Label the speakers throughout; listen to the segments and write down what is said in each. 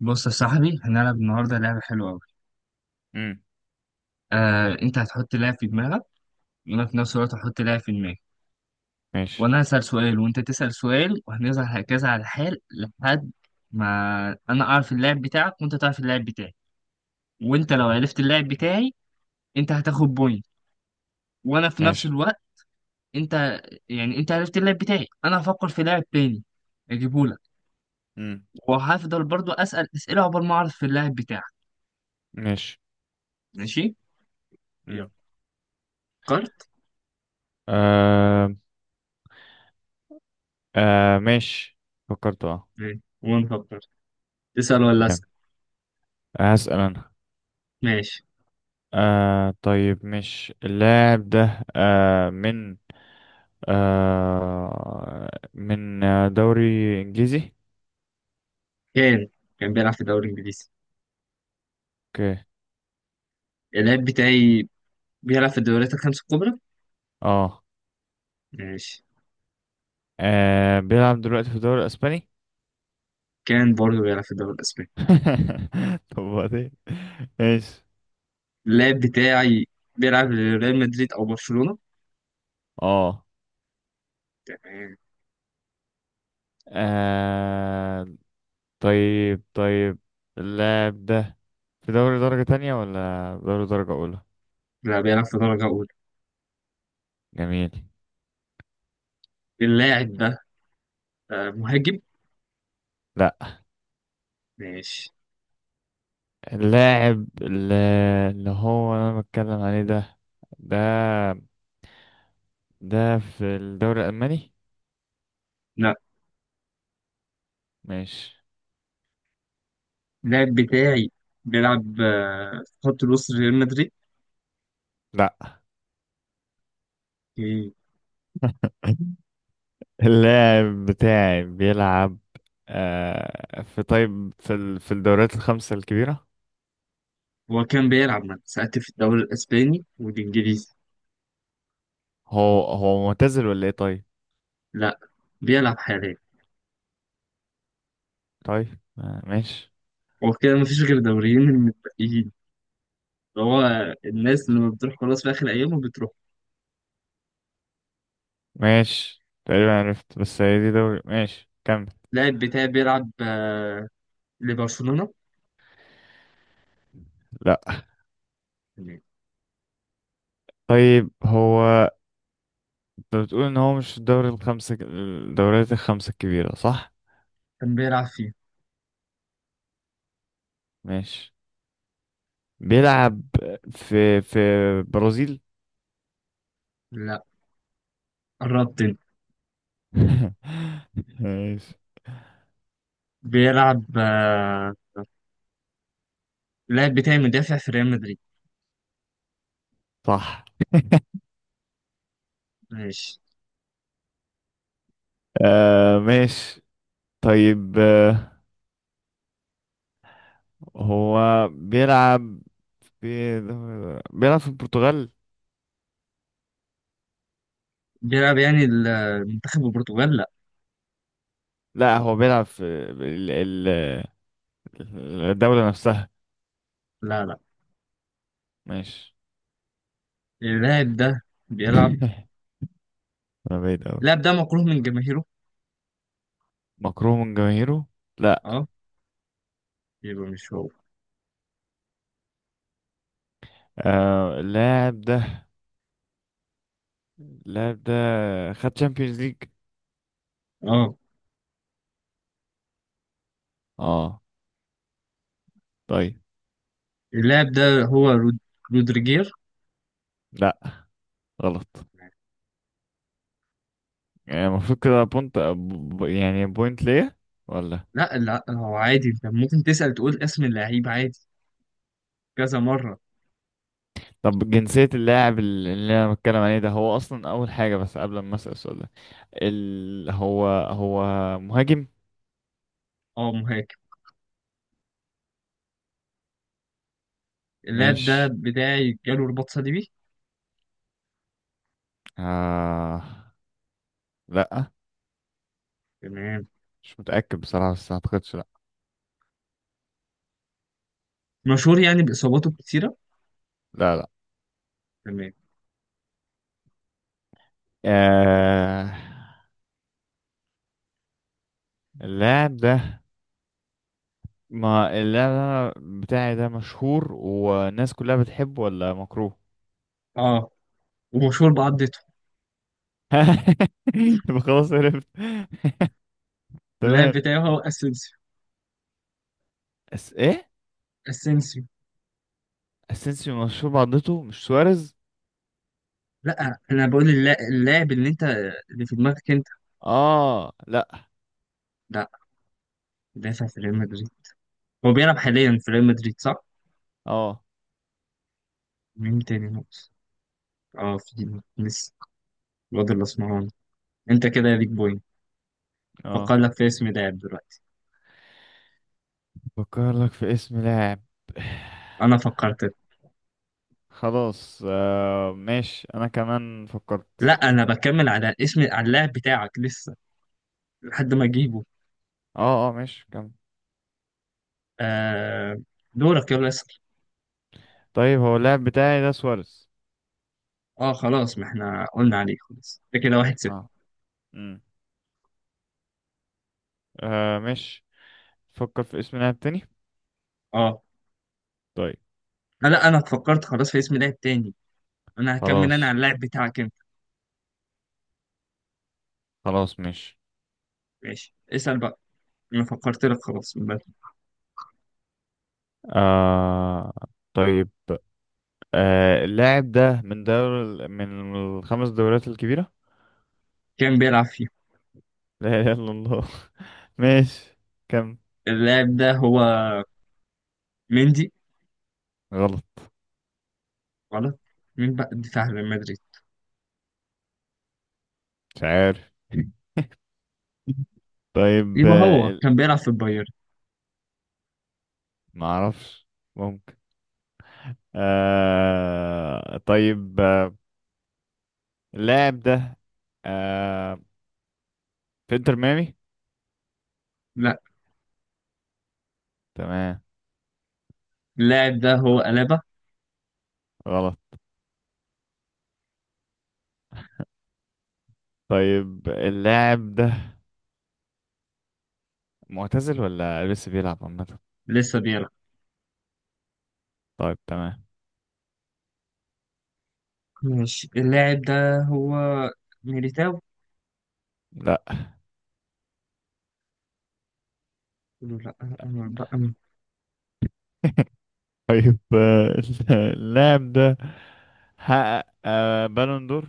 Speaker 1: بص يا صاحبي، هنلعب النهارده لعبة حلوة أوي.
Speaker 2: امم
Speaker 1: آه، أنت هتحط لاعب في دماغك، وأنا في نفس الوقت هحط لاعب في دماغي،
Speaker 2: ماشي
Speaker 1: وأنا هسأل سؤال وأنت تسأل سؤال، وهنفضل هكذا على الحال لحد ما أنا أعرف اللاعب بتاعك وأنت تعرف اللاعب بتاعي. وأنت لو عرفت اللاعب بتاعي أنت هتاخد بوينت، وأنا في نفس
Speaker 2: ماشي.
Speaker 1: الوقت أنت يعني أنت عرفت اللاعب بتاعي أنا هفكر في لاعب تاني أجيبهولك،
Speaker 2: امم
Speaker 1: وهفضل برضو أسأل أسئلة عقبال ما أعرف في اللاعب بتاعك.
Speaker 2: ماشي.
Speaker 1: ماشي؟ يلا.
Speaker 2: امم
Speaker 1: فكرت؟
Speaker 2: آه. آه، ماشي. فكرت، اه.
Speaker 1: ماشي وأنا فكرت. تسأل ولا
Speaker 2: جامد.
Speaker 1: أسأل؟
Speaker 2: هسأل أنا.
Speaker 1: ماشي.
Speaker 2: آه، طيب. مش اللاعب ده من دوري إنجليزي؟
Speaker 1: كان كان بيلعب في الدوري الإنجليزي.
Speaker 2: اوكي.
Speaker 1: اللعيب بتاعي بيلعب في الدوريات الخمس الكبرى.
Speaker 2: اه.
Speaker 1: ماشي.
Speaker 2: بيلعب دلوقتي في الدوري الإسباني.
Speaker 1: كان برضه بيلعب في الدوري الأسباني.
Speaker 2: طب وبعدين. ماشي.
Speaker 1: اللعيب بتاعي بيلعب لريال مدريد أو برشلونة.
Speaker 2: اه.
Speaker 1: تمام.
Speaker 2: آه، طيب، طيب، اللاعب ده في دوري درجة تانية ولا دوري درجة أولى؟
Speaker 1: لا، بيلعب في درجة أولى.
Speaker 2: جميل.
Speaker 1: اللاعب ده مهاجم.
Speaker 2: لا.
Speaker 1: ماشي.
Speaker 2: اللاعب اللي هو أنا بتكلم عليه ده ده في الدوري الألماني؟
Speaker 1: لا،
Speaker 2: ماشي.
Speaker 1: اللاعب بتاعي بيلعب في خط الوسط ريال مدريد.
Speaker 2: لا.
Speaker 1: إيه.
Speaker 2: اللاعب بتاعي بيلعب في، طيب، في الدوريات الخمسة الكبيرة.
Speaker 1: هو كان بيلعب من ساعات في الدوري الأسباني والإنجليزي.
Speaker 2: هو هو معتزل ولا ايه، طيب؟
Speaker 1: لا، بيلعب حاليا.
Speaker 2: طيب، ماشي.
Speaker 1: هو كده مفيش غير دوريين من المتبقيين. هو الناس لما بتروح خلاص في آخر أيامه بتروح.
Speaker 2: ماشي، تقريبا عرفت. بس هي دي دوري. ماشي، كمل.
Speaker 1: اللاعب بتاعي بيلعب لبرشلونة.
Speaker 2: لا. طيب، هو انت بتقول ان هو مش في الدوريات الخمسة الكبيرة، صح؟
Speaker 1: كان بيلعب فيه.
Speaker 2: ماشي. بيلعب في برازيل.
Speaker 1: لا، قربت انت.
Speaker 2: ماشي.
Speaker 1: بيلعب اللاعب بتاعي مدافع في ريال مدريد.
Speaker 2: صح.
Speaker 1: ماشي.
Speaker 2: ماشي. طيب، هو بيلعب في بيلعب في البرتغال؟
Speaker 1: بيلعب يعني المنتخب البرتغال لا.
Speaker 2: لا، هو بيلعب في ال- ال- الدولة نفسها.
Speaker 1: لا لا.
Speaker 2: ماشي.
Speaker 1: اللاعب ده بيلعب.
Speaker 2: انا بعيد أوي.
Speaker 1: اللاعب ده مكروه من جماهيره.
Speaker 2: مكروه من جماهيره؟ لا.
Speaker 1: اه، يبقى مش هو.
Speaker 2: آه، اللاعب ده خد تشامبيونز ليج.
Speaker 1: اه،
Speaker 2: اه. طيب.
Speaker 1: اللاعب ده هو رودريجير.
Speaker 2: لا. غلط. يعني المفروض كده يعني بوينت ليا، ولا؟
Speaker 1: لا لا، هو عادي انت ممكن تسأل تقول اسم اللعيب عادي كذا مرة.
Speaker 2: طب، جنسية اللاعب اللي انا بتكلم عليه ده هو اصلا اول حاجة، بس قبل ما اسأل السؤال ده، هو هو مهاجم؟
Speaker 1: اه، مهاجم. اللاب ده
Speaker 2: مش،
Speaker 1: بتاعي جاله رباط صليبي.
Speaker 2: آه... لا.
Speaker 1: تمام.
Speaker 2: مش متأكد بصراحة، بس ما اعتقدش، لا.
Speaker 1: مشهور يعني بإصاباته الكتيرة.
Speaker 2: لا، لا.
Speaker 1: تمام.
Speaker 2: آه... اللاعب ده ما اللعبة بتاعي ده مشهور والناس كلها بتحبه ولا مكروه؟
Speaker 1: اه، ومشهور بعضته.
Speaker 2: يبقى خلاص، عرفت.
Speaker 1: اللاب
Speaker 2: تمام.
Speaker 1: بتاعي هو اسينسيو.
Speaker 2: أس ايه؟
Speaker 1: اسينسيو.
Speaker 2: اسينسيو مشهور بعضته؟ مش سواريز؟
Speaker 1: لا، انا بقول اللاعب اللي انت، اللي في دماغك انت.
Speaker 2: اه. لا.
Speaker 1: لا. دافع في ريال مدريد. هو بيلعب حاليا في ريال مدريد صح؟
Speaker 2: اه،
Speaker 1: مين تاني ناقص؟ اه، في لسه الواد الاسمراني. انت كده ليك بوينت. فكر
Speaker 2: اه،
Speaker 1: لك في اسم لاعب دلوقتي.
Speaker 2: بفكر لك في اسم لاعب.
Speaker 1: انا فكرت.
Speaker 2: خلاص، ماشي، انا كمان فكرت.
Speaker 1: لا، انا بكمل على اسم على اللاعب بتاعك لسه لحد ما اجيبه.
Speaker 2: اه، اه، ماشي، كمل.
Speaker 1: آه دورك يلا اسأل.
Speaker 2: طيب، هو اللاعب بتاعي ده سواريز؟
Speaker 1: اه خلاص، ما احنا قلنا عليه خلاص، ده كده واحد صفر.
Speaker 2: اه. امم ماشي. فكر في اسم لاعب تاني.
Speaker 1: اه.
Speaker 2: طيب.
Speaker 1: لا انا فكرت خلاص في اسم لاعب تاني. انا هكمل انا على
Speaker 2: خلاص،
Speaker 1: اللاعب بتاعك انت.
Speaker 2: خلاص، ماشي.
Speaker 1: ماشي اسأل بقى، انا فكرت لك خلاص من بدري.
Speaker 2: آه طيب. اللاعب ده من الخمس دوريات الكبيرة؟
Speaker 1: كان بيلعب فيه.
Speaker 2: لا إله إلا الله. ماشي. كم؟
Speaker 1: اللاعب ده هو مندي.
Speaker 2: غلط.
Speaker 1: غلط. مين بقى الدفاع ريال مدريد؟
Speaker 2: مش عارف. طيب،
Speaker 1: يبقى هو كان بيلعب في البايرن.
Speaker 2: ما اعرفش. ممكن. طيب. اللاعب ده آه في انتر ميامي؟
Speaker 1: لا.
Speaker 2: تمام.
Speaker 1: اللاعب ده هو ألابا.
Speaker 2: غلط. طيب، اللاعب ده معتزل ولا لسه بيلعب، عامة؟
Speaker 1: لسه بيلعب.
Speaker 2: طيب، تمام.
Speaker 1: ماشي اللاعب ده هو ميليتاو.
Speaker 2: لا.
Speaker 1: لا بقى.
Speaker 2: طيب. اللاعب ده حقق بالون دور؟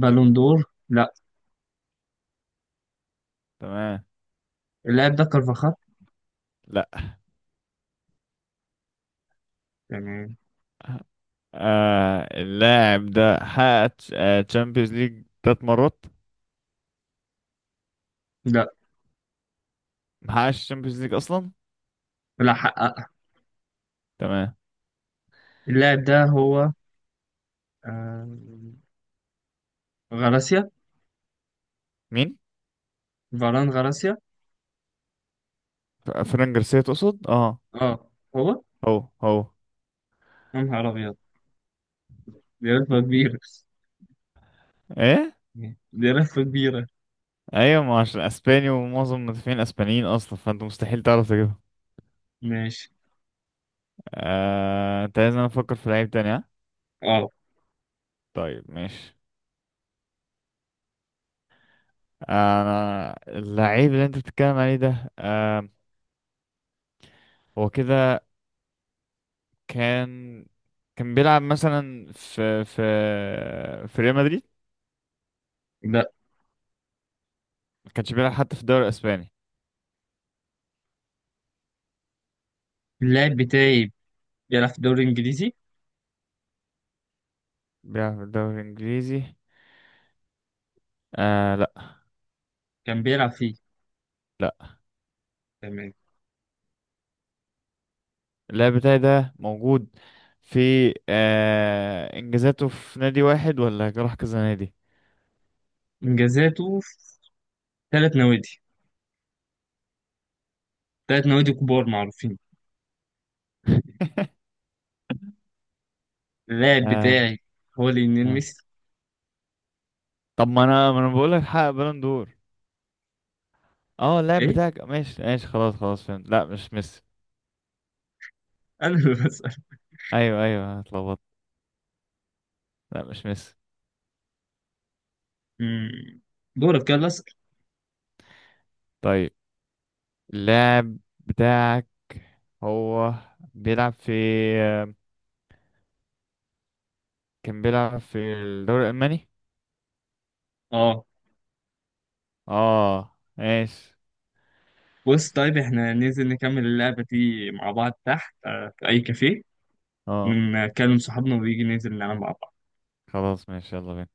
Speaker 1: بالون دور؟ لا.
Speaker 2: تمام.
Speaker 1: اللاعب ده كارفاخال.
Speaker 2: لا.
Speaker 1: تمام.
Speaker 2: اللاعب ده حقق تشامبيونز ليج تلات مرات؟
Speaker 1: لا
Speaker 2: ما حققش تشامبيونز ليج اصلا؟
Speaker 1: لا، حقق.
Speaker 2: تمام.
Speaker 1: اللاعب ده هو آه، غراسيا.
Speaker 2: مين؟
Speaker 1: فاران غراسيا.
Speaker 2: فران جارسيا تقصد، اه؟
Speaker 1: اه هو.
Speaker 2: هو هو.
Speaker 1: يا نهار ابيض، دي لفه كبيره.
Speaker 2: ايه؟
Speaker 1: دي لفه كبيره.
Speaker 2: ايوه، ما عشان اسباني ومعظم المدافعين اسبانيين اصلا، فانت مستحيل تعرف تجيبها.
Speaker 1: ماشي.
Speaker 2: انت لازم افكر في لعيب تاني، ها؟
Speaker 1: اه
Speaker 2: طيب، ماشي. انا اللعيب اللي انت بتتكلم عليه ده، هو كده كان كان بيلعب مثلا في ريال مدريد؟
Speaker 1: لا،
Speaker 2: ما كانش بيلعب حتى في الدوري الاسباني؟
Speaker 1: اللاعب بتاعي بيلعب في الدوري الانجليزي.
Speaker 2: بيلعب في الدوري الانجليزي؟ آه، لا.
Speaker 1: كان بيلعب فيه.
Speaker 2: لا.
Speaker 1: تمام.
Speaker 2: اللاعب بتاعي ده موجود في، انجازاته في نادي واحد، ولا راح كذا نادي؟
Speaker 1: انجازاته في ثلاث نوادي. ثلاث نوادي كبار معروفين. اللاعب
Speaker 2: آه،
Speaker 1: بتاعي هو ليونيل
Speaker 2: آه.
Speaker 1: ميسي.
Speaker 2: طب، ما انا بقول لك حقق بالون دور. اه، اللاعب
Speaker 1: ايه.
Speaker 2: بتاعك. ماشي، ماشي. خلاص، خلاص، فهمت. لا، مش ميسي.
Speaker 1: انا اللي بسأل.
Speaker 2: ايوه، ايوه، اتلخبطت. لا، مش ميسي.
Speaker 1: مم. دورك يلا اسأل.
Speaker 2: طيب، اللاعب بتاعك هو بيلعب في كان بيلعب في الدوري الألماني؟
Speaker 1: اه.
Speaker 2: اه، ماشي.
Speaker 1: بص طيب، احنا ننزل نكمل اللعبة دي مع بعض تحت في أي كافيه.
Speaker 2: اه،
Speaker 1: كلم صحابنا ويجي ننزل نلعب مع بعض.
Speaker 2: خلاص، ماشي. يلا بينا.